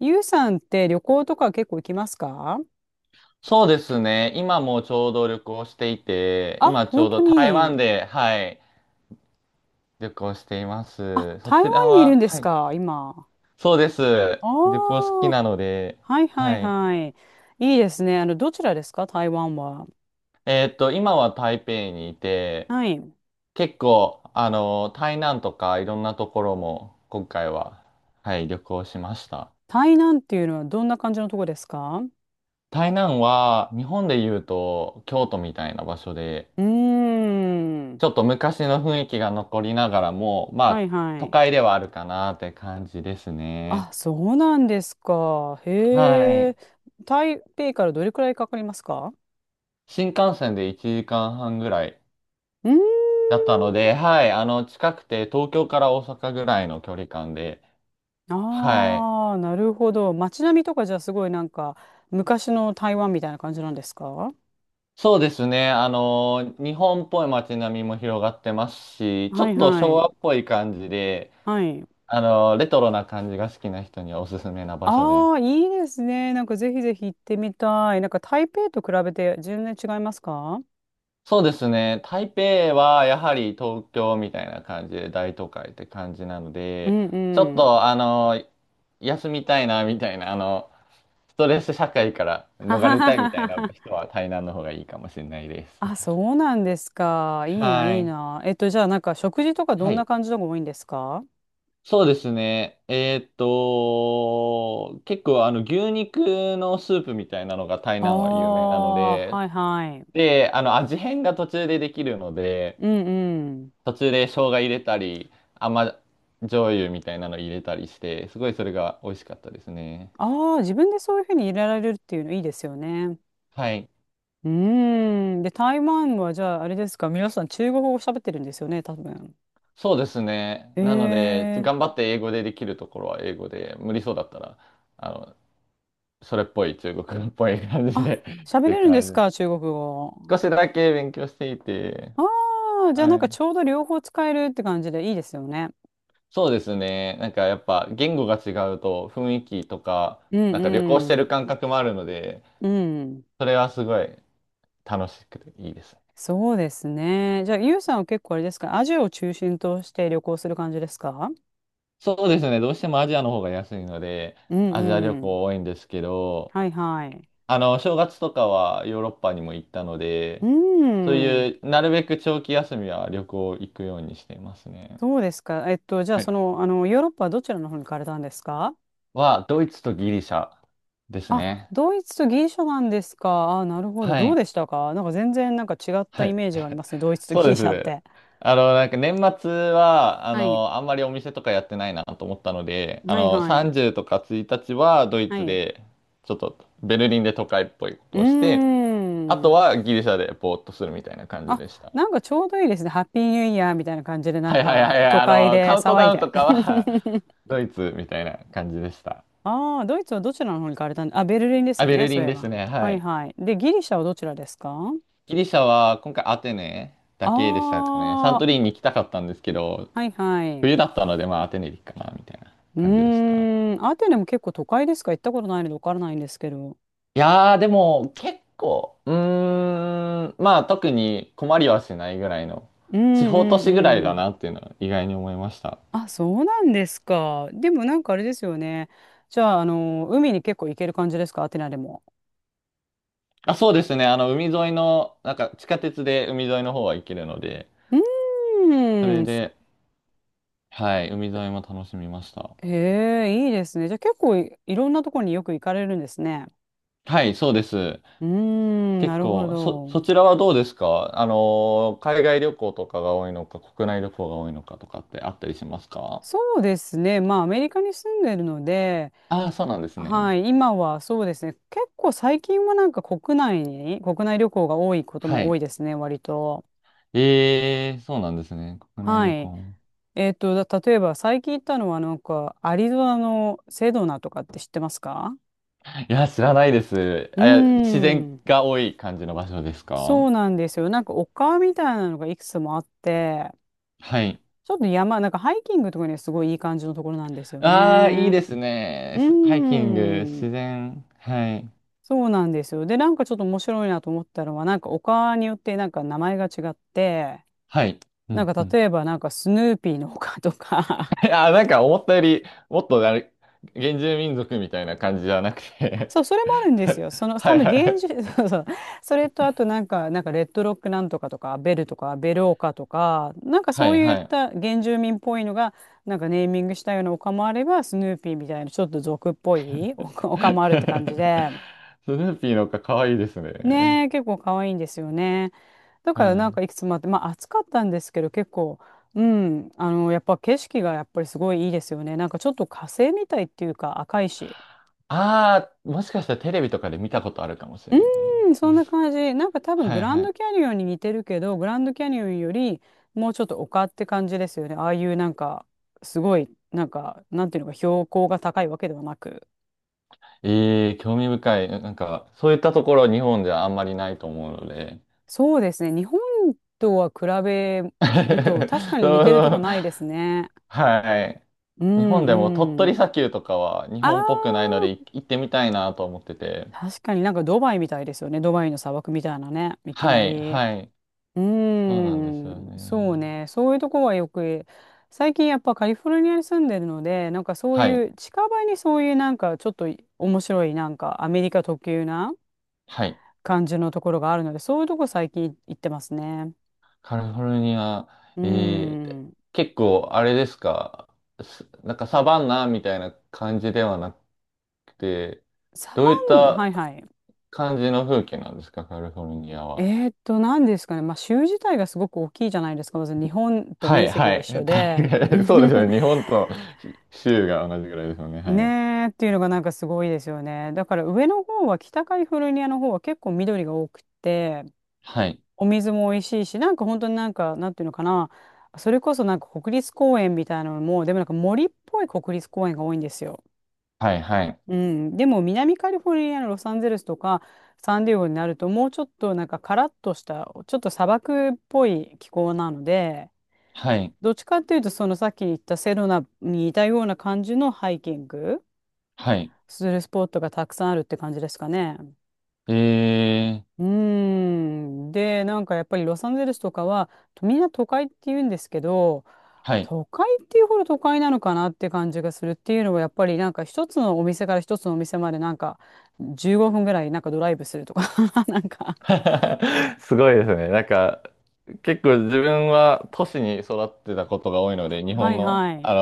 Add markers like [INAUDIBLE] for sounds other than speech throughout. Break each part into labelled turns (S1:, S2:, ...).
S1: ゆうさんって旅行とか結構行きますか？
S2: そうですね。今もちょうど旅行していて、
S1: あ、
S2: 今ちょ
S1: 本
S2: う
S1: 当
S2: ど台湾
S1: に。
S2: で、はい、旅行していま
S1: あ、
S2: す。そ
S1: 台湾
S2: ちら
S1: にいるん
S2: は、
S1: です
S2: はい、
S1: か、今。
S2: そうです。
S1: あ
S2: 旅行好
S1: あ、
S2: きなので、
S1: はいは
S2: は
S1: い
S2: い。
S1: はい。いいですね。どちらですか、台湾は。
S2: 今は台北にいて、
S1: はい。
S2: 結構、台南とかいろんなところも今回は、はい、旅行しました。
S1: 台南っていうのはどんな感じのとこですか？
S2: 台南は日本で言うと京都みたいな場所で、
S1: うーん。
S2: ちょっと昔の雰囲気が残りながらも、ま
S1: は
S2: あ、
S1: いは
S2: 都
S1: い。
S2: 会ではあるかなって感じですね。
S1: あ、そうなんですか。
S2: は
S1: へえ。
S2: い。
S1: 台北からどれくらいかかりますか？
S2: 新幹線で1時間半ぐらい
S1: うー
S2: だったの
S1: ん。
S2: で、はい。近くて東京から大阪ぐらいの距離感で、はい。
S1: ああ、なるほど。街並みとかじゃあすごいなんか昔の台湾みたいな感じなんですか？
S2: そうですね。日本っぽい街並みも広がってますし、ちょ
S1: は
S2: っ
S1: い
S2: と昭
S1: はい。
S2: 和っぽい感じで、
S1: はい。
S2: レトロな感じが好きな人にはおすすめな場所で
S1: ああ、
S2: す。
S1: いいですね。なんかぜひぜひ行ってみたい。なんか台北と比べて全然違いますか？
S2: そうですね。台北はやはり東京みたいな感じで大都会って感じなの
S1: う
S2: で、
S1: ん
S2: ちょっ
S1: うん。
S2: と休みたいなみたいな、ストレス社会から
S1: は
S2: 逃
S1: は
S2: れ
S1: は
S2: たいみ
S1: は
S2: たいな
S1: は。
S2: 人は台南の方がいいかもしれないです。
S1: あ、そうなんですか。いいな、
S2: は
S1: いい
S2: い。
S1: な。じゃあなんか食事とかど
S2: は
S1: んな
S2: い。
S1: 感じのが多いんですか？
S2: そうですね。結構牛肉のスープみたいなのが台南は有名なの
S1: ああー、
S2: で、
S1: はいはい。
S2: で、味変が途中でできるので、
S1: うんうん。
S2: 途中で生姜入れたり、甘醤油みたいなの入れたりして、すごいそれが美味しかったですね。
S1: ああ、自分でそういうふうに入れられるっていうのいいですよね。
S2: はい。
S1: うーん。で、台湾はじゃあ、あれですか、皆さん中国語喋ってるんですよね、多分。
S2: そうですね。なので、
S1: え
S2: 頑張
S1: え、
S2: って英語でできるところは英語で、無理そうだったら、あの、それっぽい中国っぽい感じ
S1: あ、
S2: で [LAUGHS] っ
S1: 喋
S2: て
S1: れるんです
S2: 感じ。
S1: か、中国語？
S2: 少しだけ勉強していて、
S1: ああ、じゃあなん
S2: は
S1: か
S2: い。
S1: ちょうど両方使えるって感じでいいですよね。
S2: そうですね。なんかやっぱ言語が違うと雰囲気とか、
S1: う
S2: なんか旅行し
S1: ん
S2: て
S1: う
S2: る
S1: ん。
S2: 感覚もあるので、
S1: うん。
S2: それはすごい楽しくていいです。
S1: そうですね。じゃあ、ゆうさんは結構あれですか、アジアを中心として旅行する感じですか？
S2: そうですね。どうしてもアジアの方が安いので、
S1: うん
S2: アジア旅
S1: うん。
S2: 行多いんですけど、
S1: はいはい。
S2: 正月とかはヨーロッパにも行ったの
S1: う
S2: で、そう
S1: ん。
S2: いう、なるべく長期休みは旅行行くようにしていますね。
S1: そうですか。じゃあ、
S2: は
S1: そ
S2: い。
S1: の、ヨーロッパはどちらの方に行かれたんですか？
S2: ドイツとギリシャです
S1: あ、
S2: ね。
S1: ドイツとギリシャなんですか。あ、なるほど。
S2: は
S1: どう
S2: い。
S1: でしたか？なんか全然なんか違った
S2: は
S1: イ
S2: い。
S1: メージがありますね、ドイツと
S2: そう
S1: ギ
S2: で
S1: リシ
S2: す
S1: ャっ
S2: ね。
S1: て。
S2: なんか年末は、
S1: はい。
S2: あんまりお店とかやってないなと思ったので、
S1: はいはい。
S2: 30とか1日はドイ
S1: は
S2: ツ
S1: い。
S2: で、ちょっとベルリンで都会っぽいこ
S1: う
S2: と
S1: ー
S2: をして、あと
S1: ん。
S2: はギリシャでぼーっとするみたいな感じ
S1: あ、
S2: でした。
S1: なんかちょうどいいですね。ハッピーニューイヤーみたいな感じで、なん
S2: はいはいはい
S1: か
S2: はい。
S1: 都会で
S2: カウント
S1: 騒い
S2: ダウン
S1: で。
S2: とかは [LAUGHS]
S1: [LAUGHS]
S2: ドイツみたいな感じでした。
S1: ああ、ドイツはどちらの方に行かれたんで、あ、ベルリンです
S2: あ、
S1: よ
S2: ベ
S1: ね、
S2: ル
S1: そ
S2: リ
S1: うい
S2: ン
S1: え
S2: です
S1: ば。
S2: ね。は
S1: はい
S2: い。
S1: はい。で、ギリシャはどちらですか？
S2: ギリシャは今回アテネだけでし
S1: あ
S2: たかね。サ
S1: あ
S2: ントリ
S1: ー、
S2: ーに行きたかったんですけど、
S1: はいはい。う
S2: 冬だったのでまあアテネでいいかなみたいな
S1: ー
S2: 感じでした。
S1: ん。アテネも結構都会ですか？行ったことないので分からないんですけど。
S2: いやーでも結構、まあ特に困りはしないぐらいの、
S1: うん
S2: 地方都
S1: う
S2: 市ぐらい
S1: んう
S2: だ
S1: ん。
S2: なっていうのは意外に思いました。
S1: あ、そうなんですか。でもなんかあれですよね。じゃあ、海に結構行ける感じですか、アテナでも？
S2: あ、そうですね。海沿いの、なんか地下鉄で海沿いの方は行けるので、
S1: う
S2: そ
S1: ー
S2: れ
S1: ん。
S2: で、はい、海沿いも楽しみました。
S1: へえ、いいですね。じゃあ結構いろんなところによく行かれるんですね。
S2: はい、そうです。
S1: うーん、
S2: 結
S1: なるほ
S2: 構、そ
S1: ど。
S2: ちらはどうですか？海外旅行とかが多いのか、国内旅行が多いのかとかってあったりしますか？
S1: そうですね。まあ、アメリカに住んでるので、
S2: ああー、そうなんです
S1: は
S2: ね。
S1: い、今はそうですね。結構最近はなんか国内に、国内旅行が多いこと
S2: は
S1: も多
S2: い。
S1: いですね、割と。
S2: ええー、そうなんですね。国内
S1: は
S2: 旅
S1: い。
S2: 行。
S1: 例えば最近行ったのはなんか、アリゾナのセドナとかって知ってますか？
S2: いや、知らないです。
S1: うー
S2: あ、いや自然
S1: ん。
S2: が多い感じの場所ですか？
S1: そうなんですよ。なんか丘みたいなのがいくつもあって、
S2: はい。
S1: ちょっと山、なんかハイキングとかにはすごいいい感じのところなんですよ
S2: ああ、いい
S1: ね。
S2: ですね。
S1: う
S2: ハイキング、
S1: ーん。
S2: 自然。はい。
S1: そうなんですよ。で、なんかちょっと面白いなと思ったのは、なんか丘によってなんか名前が違って、
S2: はい。う
S1: なん
S2: んう
S1: か
S2: ん。
S1: 例えばなんかスヌーピーの丘とか。
S2: [LAUGHS] あー、なんか思ったより、もっとあれ、原住民族みたいな感じじゃなくて
S1: そう、
S2: [LAUGHS]
S1: それもあるんですよ。その、多
S2: はい
S1: 分
S2: は
S1: 芸術、[LAUGHS]
S2: い。
S1: そうそう。それと、あとなんか、レッドロックなんとかとか、ベルとか、ベルオカとか、なんか
S2: は
S1: そう
S2: い
S1: いっ
S2: はい。
S1: た原住民っぽいのが、なんかネーミングしたような丘もあれば、スヌーピーみたいな、ちょっと俗っぽい丘もあるって感じで。
S2: [LAUGHS] スヌーピーのかわいいですね。
S1: ねえ、結構可愛いんですよね。だか
S2: は
S1: らなん
S2: い。
S1: かいくつもあって、まあ暑かったんですけど、結構、うん、やっぱ景色がやっぱりすごいいいですよね。なんかちょっと火星みたいっていうか、赤いし。
S2: ああ、もしかしたらテレビとかで見たことあるかもしれ
S1: う
S2: ない
S1: ーん、そ
S2: で
S1: んな
S2: す。
S1: 感じ。なんか多分
S2: は
S1: グ
S2: い
S1: ラ
S2: は
S1: ン
S2: い。
S1: ドキャニオンに似てるけど、グランドキャニオンよりもうちょっと丘って感じですよね。ああいうなんか、すごい、なんか、なんていうのか、標高が高いわけではなく。
S2: ええ興味深い。なんか、そういったところ日本じゃあんまりないと思うので。
S1: そうですね。日本とは比べ
S2: [LAUGHS] そ
S1: ると、確か
S2: う
S1: に似てる
S2: そ
S1: とこ
S2: う。
S1: ないですね。
S2: はい。
S1: う
S2: 日本でも鳥
S1: んう
S2: 取
S1: ん。
S2: 砂丘とかは日
S1: あ
S2: 本っぽくないので
S1: あ、
S2: 行ってみたいなと思ってて。
S1: 確かになんかドバイみたいですよね。ドバイの砂漠みたいなね、いき
S2: は
S1: な
S2: い、
S1: り。
S2: はい。
S1: うー
S2: そうなんですよ
S1: ん、そう
S2: ね。
S1: ね。そういうとこはよく、最近やっぱカリフォルニアに住んでるので、なんかそう
S2: は
S1: い
S2: い、
S1: う近場にそういうなんかちょっと面白いなんかアメリカ特有な
S2: はい。
S1: 感じのところがあるので、そういうとこ最近行ってますね。
S2: カリフォルニア、
S1: うー
S2: えー、
S1: ん。
S2: 結構あれですか？なんかサバンナみたいな感じではなくて、
S1: サ
S2: どういっ
S1: バン、は
S2: た
S1: いはい。
S2: 感じの風景なんですか、カリフォルニアは。
S1: え何ですかね。まあ州自体がすごく大きいじゃないですか。まず日本と
S2: は
S1: 面
S2: い、
S1: 積
S2: は
S1: が一
S2: い。
S1: 緒
S2: [LAUGHS] 大
S1: で。
S2: 概そうですよ
S1: [LAUGHS]
S2: ね。日本と州が同じぐらいですよね。はい。
S1: ねえっていうのがなんかすごいですよね。だから上の方は、北カリフォルニアの方は結構緑が多くて、
S2: はい。
S1: お水も美味しいし、なんか本当になんかなんていうのかな、それこそなんか国立公園みたいなのも、でもなんか森っぽい国立公園が多いんですよ。
S2: はいはい。
S1: うん、でも南カリフォルニアのロサンゼルスとかサンディエゴになるともうちょっとなんかカラッとしたちょっと砂漠っぽい気候なので、
S2: はい。
S1: どっちかっていうとそのさっき言ったセロナに似たような感じのハイキング
S2: はい。
S1: するスポットがたくさんあるって感じですかね。
S2: えー、
S1: うーん。で、なんかやっぱりロサンゼルスとかは、みんな都会って言うんですけど、
S2: はい。
S1: 都会っていうほど都会なのかなって感じがするっていうのは、やっぱりなんか一つのお店から一つのお店までなんか15分ぐらいなんかドライブするとか。 [LAUGHS] なんか。
S2: [LAUGHS] すごいですね。なんか、結構自分は都市に育ってたことが多いので、日
S1: は
S2: 本
S1: い
S2: の、
S1: はい。
S2: あ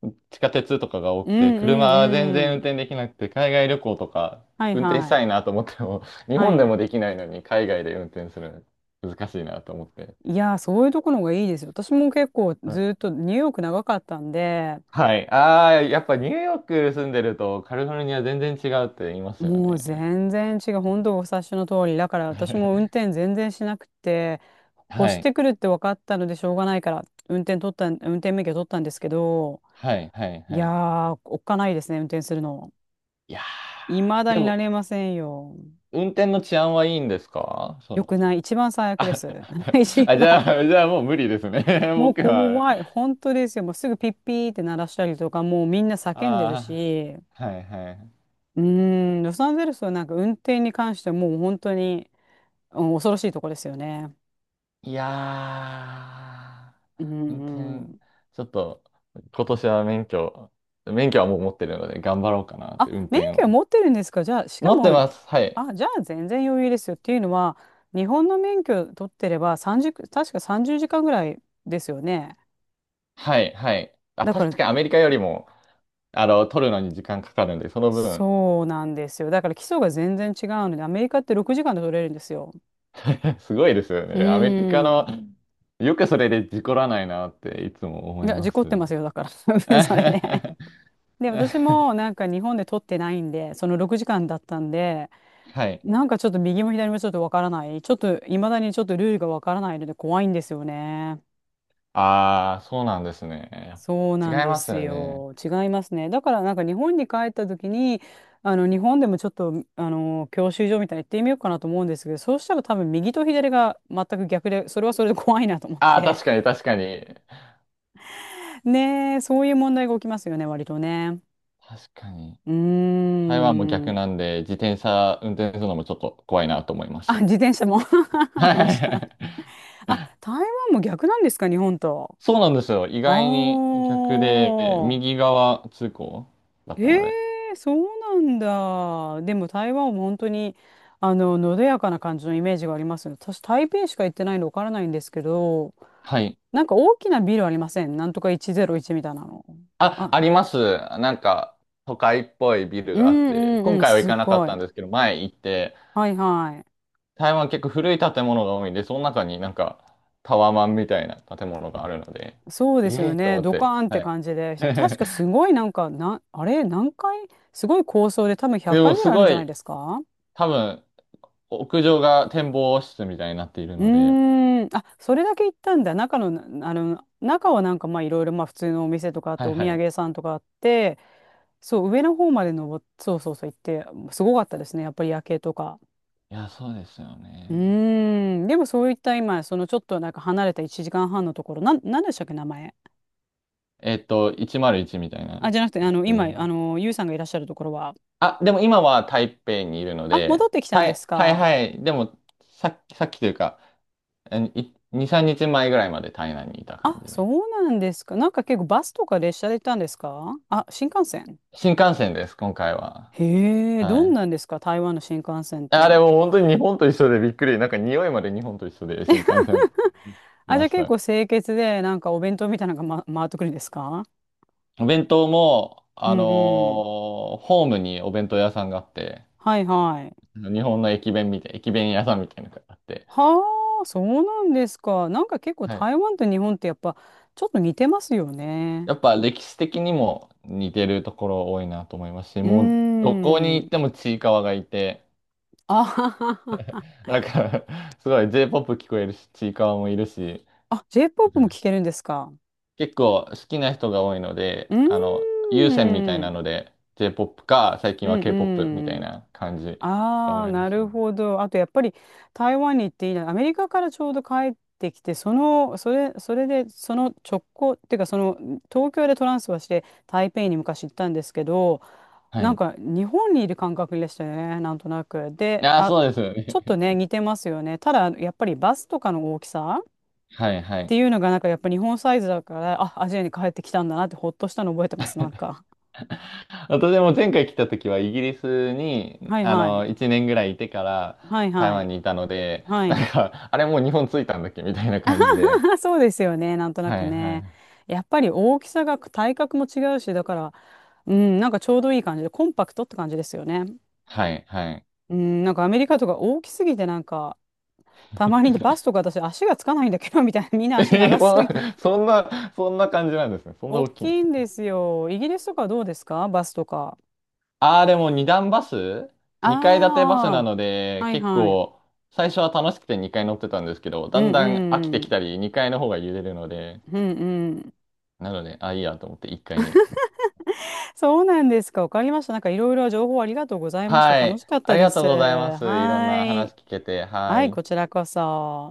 S2: の、地下鉄とかが多
S1: う
S2: くて、
S1: んう
S2: 車
S1: ん
S2: は全
S1: う
S2: 然運
S1: ん。
S2: 転できなくて、海外旅行とか
S1: はい
S2: 運転し
S1: は
S2: た
S1: い。
S2: いなと思っても、[LAUGHS] 日
S1: は
S2: 本で
S1: い。
S2: もできないのに海外で運転するの難しいなと思って。
S1: いやー、そういうところがいいですよ。私も結構
S2: うん、
S1: ずっとニューヨーク長かったんで、
S2: はい。ああ、やっぱニューヨーク住んでるとカリフォルニア全然違うって言いますよ
S1: もう
S2: ね。
S1: 全然違う。本当お察しの通り。だから私も運
S2: [LAUGHS]
S1: 転全然しなくて、越
S2: は
S1: し
S2: い。
S1: てくるって分かったのでしょうがないから、運転免許取ったんですけど、
S2: はいはい
S1: い
S2: は
S1: や
S2: い。
S1: ー、おっかないですね、運転するの。
S2: いや
S1: 未だ
S2: ー、で
S1: にな
S2: も、
S1: れませんよ。
S2: 運転の治安はいいんですか、そ
S1: よ
S2: の。
S1: くない。一番最悪で
S2: あ、
S1: す。[LAUGHS] 一
S2: [LAUGHS] あ、じゃ
S1: 番。
S2: あ、[LAUGHS] じゃあもう無理ですね。[LAUGHS]
S1: もう
S2: 僕は。
S1: 怖い。本当ですよ。もうすぐピッピーって鳴らしたりとか、もうみんな叫んでる
S2: あ
S1: し、
S2: あ、はいはい。
S1: うーん、ロサンゼルスはなんか運転に関してはもう本当に、うん、恐ろしいとこですよね。
S2: いや
S1: う
S2: ー、運
S1: んう
S2: 転、
S1: ん。
S2: ちょっと、今年は免許はもう持ってるので、頑張ろうかなっ
S1: あ、
S2: て、運
S1: 免
S2: 転
S1: 許を
S2: を。
S1: 持ってるんですか、じゃあ？しか
S2: 持って
S1: も、
S2: ます。はい。
S1: あ、じゃあ全然余裕ですよ。っていうのは、日本の免許取ってれば30、確か30時間ぐらいですよね。
S2: はいはい。あ、
S1: だか
S2: 確
S1: ら、
S2: かにアメリカよりも、取るのに時間かかるんで、その分、
S1: そうなんですよ。だから基礎が全然違うので、アメリカって6時間で取れるんですよ。
S2: [LAUGHS] すごいですよ
S1: う
S2: ね。アメリカ
S1: ー
S2: の、
S1: ん。
S2: よくそれで事故らないなっていつも
S1: い
S2: 思い
S1: や、
S2: ま
S1: 事故
S2: す。
S1: ってますよ、だから。
S2: [LAUGHS]
S1: [LAUGHS] それで。
S2: は
S1: で、私もなんか日本で取ってないんで、その6時間だったんで、
S2: い。
S1: なんかちょっと右も左もちょっとわからない。ちょっと、いまだにちょっとルールがわからないので怖いんですよね。
S2: ああ、そうなんですね。
S1: そう
S2: 違い
S1: なんで
S2: ます
S1: す
S2: よね。
S1: よ。違いますね。だからなんか日本に帰った時に、日本でもちょっと教習所みたいに行ってみようかなと思うんですけど、そうしたら多分右と左が全く逆で、それはそれで怖いなと思っ
S2: ああ、
S1: て。
S2: 確かに確かに。
S1: [LAUGHS] ねえ、そういう問題が起きますよね、割とね。
S2: 確かに。
S1: うー
S2: 台湾も
S1: ん。
S2: 逆なんで、自転車運転するのもちょっと怖いなと思いまし
S1: あ、
S2: た。
S1: 自転車も。
S2: [LAUGHS]
S1: [LAUGHS] 面白い。
S2: はい、
S1: あ、台湾も逆なんですか、日本と。
S2: そうなんですよ。意
S1: あ
S2: 外に逆で、
S1: あ。
S2: 右側通行だっ
S1: え
S2: た
S1: え
S2: ので。
S1: ーそうなんだ。でも台湾も本当に、のどやかな感じのイメージがありますね。私、台北しか行ってないのでわからないんですけど、
S2: はい。
S1: なんか大きなビルありませんなんとか101みたいなの。
S2: あ、
S1: あ、
S2: あります。なんか、都会っぽいビル
S1: う
S2: があっ
S1: ん
S2: て、
S1: うん
S2: 今
S1: うん、
S2: 回は行
S1: す
S2: かなかっ
S1: ご
S2: た
S1: い。
S2: んですけど、前行って、
S1: はいは
S2: 台湾結構古い建物が多いんで、その中になんか、タワマンみたいな建物があるので、
S1: い。そうで
S2: え
S1: すよ
S2: えと
S1: ね。
S2: 思っ
S1: ド
S2: て、
S1: カーンって
S2: はい。
S1: 感じで。確かす
S2: [LAUGHS]
S1: ごいなんか、あれ何回、すごい高層で多分100
S2: でも、
S1: 回ぐ
S2: す
S1: らいあるん
S2: ご
S1: じゃない
S2: い、
S1: ですか？
S2: 多分、屋上が展望室みたいになっている
S1: う
S2: ので、
S1: ーん、あ、それだけ行ったんだ。中のな、中はなんかまあいろいろまあ普通のお店とかあっ
S2: は
S1: て
S2: い
S1: お
S2: は
S1: 土産
S2: い。
S1: 屋さんとかあって、そう、上の方までそうそうそう行って、すごかったですね。やっぱり夜景とか。
S2: いや、そうですよ
S1: う
S2: ね。
S1: ーん、でもそういった今、そのちょっとなんか離れた1時間半のところ、なんでしたっけ、名前。
S2: 101みたいな
S1: あ、じゃなくて、
S2: や
S1: 今、
S2: つ。
S1: ゆうさんがいらっしゃるところは、
S2: あ、でも今は台北にいるの
S1: あ、戻っ
S2: で、
S1: てきたん
S2: は
S1: で
S2: い
S1: す
S2: はい
S1: か。
S2: はい。でも、さっきというか、2、3日前ぐらいまで台南にいた感
S1: あ、
S2: じ
S1: そ
S2: で。
S1: うなんですか。なんか結構バスとか列車で行ったんですかあ、新幹線。
S2: 新幹線です、今回は。
S1: へえ、ど
S2: は
S1: ん
S2: い。
S1: なんですか、台湾の新幹線っ
S2: あ
S1: て？
S2: れも本当に日本と一緒でびっくり。なんか匂いまで日本と一緒で新幹線来
S1: あ、じ
S2: ま
S1: ゃあ
S2: し
S1: 結
S2: た。
S1: 構清潔で、なんかお弁当みたいなのが、回ってくるんですか？
S2: お弁当も、
S1: うんうん。
S2: ホームにお弁当屋さんがあって、
S1: はいはい。
S2: 日本の駅弁屋さんみたいなのがあって、
S1: はあ、そうなんですか。なんか結構
S2: はい。
S1: 台湾と日本ってやっぱちょっと似てますよね。
S2: やっぱ歴史的にも似てるところ多いなと思いますし、
S1: うー
S2: もうどこに行っ
S1: ん。
S2: てもちいかわがいて、
S1: あははは。
S2: だから [LAUGHS] すごい J-POP 聞こえるし、ちいかわもいるし、
S1: あ、J-POP も聴けるんですか？
S2: 結構好きな人が多いので、
S1: うー
S2: 有線みたいな
S1: ん。
S2: ので J-POP か、最近
S1: う
S2: は
S1: ん
S2: K-POP みた
S1: う
S2: い
S1: ん。
S2: な感じが
S1: あ
S2: 多
S1: あ、
S2: いで
S1: な
S2: す
S1: る
S2: ね。
S1: ほど。あとやっぱり台湾に行っていいな。アメリカからちょうど帰ってきて、それで、直行っていうか、東京でトランスファーして、台北に昔行ったんですけど、
S2: は
S1: なん
S2: い。
S1: か日本にいる感覚でしたよね、なんとなく。で、
S2: ああ、
S1: あ、
S2: そうですよ
S1: ちょっ
S2: ね。
S1: とね、似てますよね。ただ、やっぱりバスとかの大きさ
S2: [LAUGHS] はいは
S1: って
S2: い。
S1: いうのが、なんかやっぱ日本サイズだから、あ、アジアに帰ってきたんだなって、ほっとしたの覚えてます、なんか。
S2: [LAUGHS] 私も前回来た時はイギリスに、
S1: はいはい。
S2: 1年ぐらいいてから
S1: はい
S2: 台
S1: は
S2: 湾
S1: い。
S2: にいたので、
S1: は
S2: なん
S1: い。
S2: か、あれもう日本着いたんだっけみたいな感じで。
S1: [LAUGHS] そうですよね。なんとな
S2: は
S1: く
S2: いは
S1: ね。
S2: い。
S1: やっぱり大きさが体格も違うし、だから、うん、なんかちょうどいい感じで、コンパクトって感じですよね。
S2: はいはい。
S1: うん、なんかアメリカとか大きすぎて、なんか、たまにバスとか私足がつかないんだけど、みたいな、みん
S2: [LAUGHS]
S1: な
S2: え
S1: 足
S2: ー、
S1: 長
S2: そ
S1: す
S2: ん
S1: ぎ。
S2: な、そんな、そんな感じなんですね。そんな
S1: 大
S2: 大き
S1: き
S2: いんで
S1: い
S2: すね。
S1: んですよ。イギリスとかどうですかバスとか？
S2: ああ、でも二階建てバスな
S1: あ
S2: の
S1: あ、
S2: で、
S1: はい
S2: 結
S1: はい。
S2: 構、最初は楽しくて二階乗ってたんですけど、
S1: う
S2: だ
S1: ん
S2: ん
S1: う
S2: だん飽き
S1: ん
S2: て
S1: う
S2: き
S1: ん。
S2: たり、二階の方が揺れるので、
S1: うんうん。
S2: なので、あ、いいやと思って一階に。
S1: そうなんですか。わかりました。なんかいろいろ情報ありがとうございました。
S2: は
S1: 楽
S2: い。
S1: しかっ
S2: あ
S1: た
S2: り
S1: で
S2: がとう
S1: す。
S2: ございま
S1: は
S2: す。いろんな
S1: い。
S2: 話聞けて。は
S1: はい、
S2: い。
S1: こちらこそ。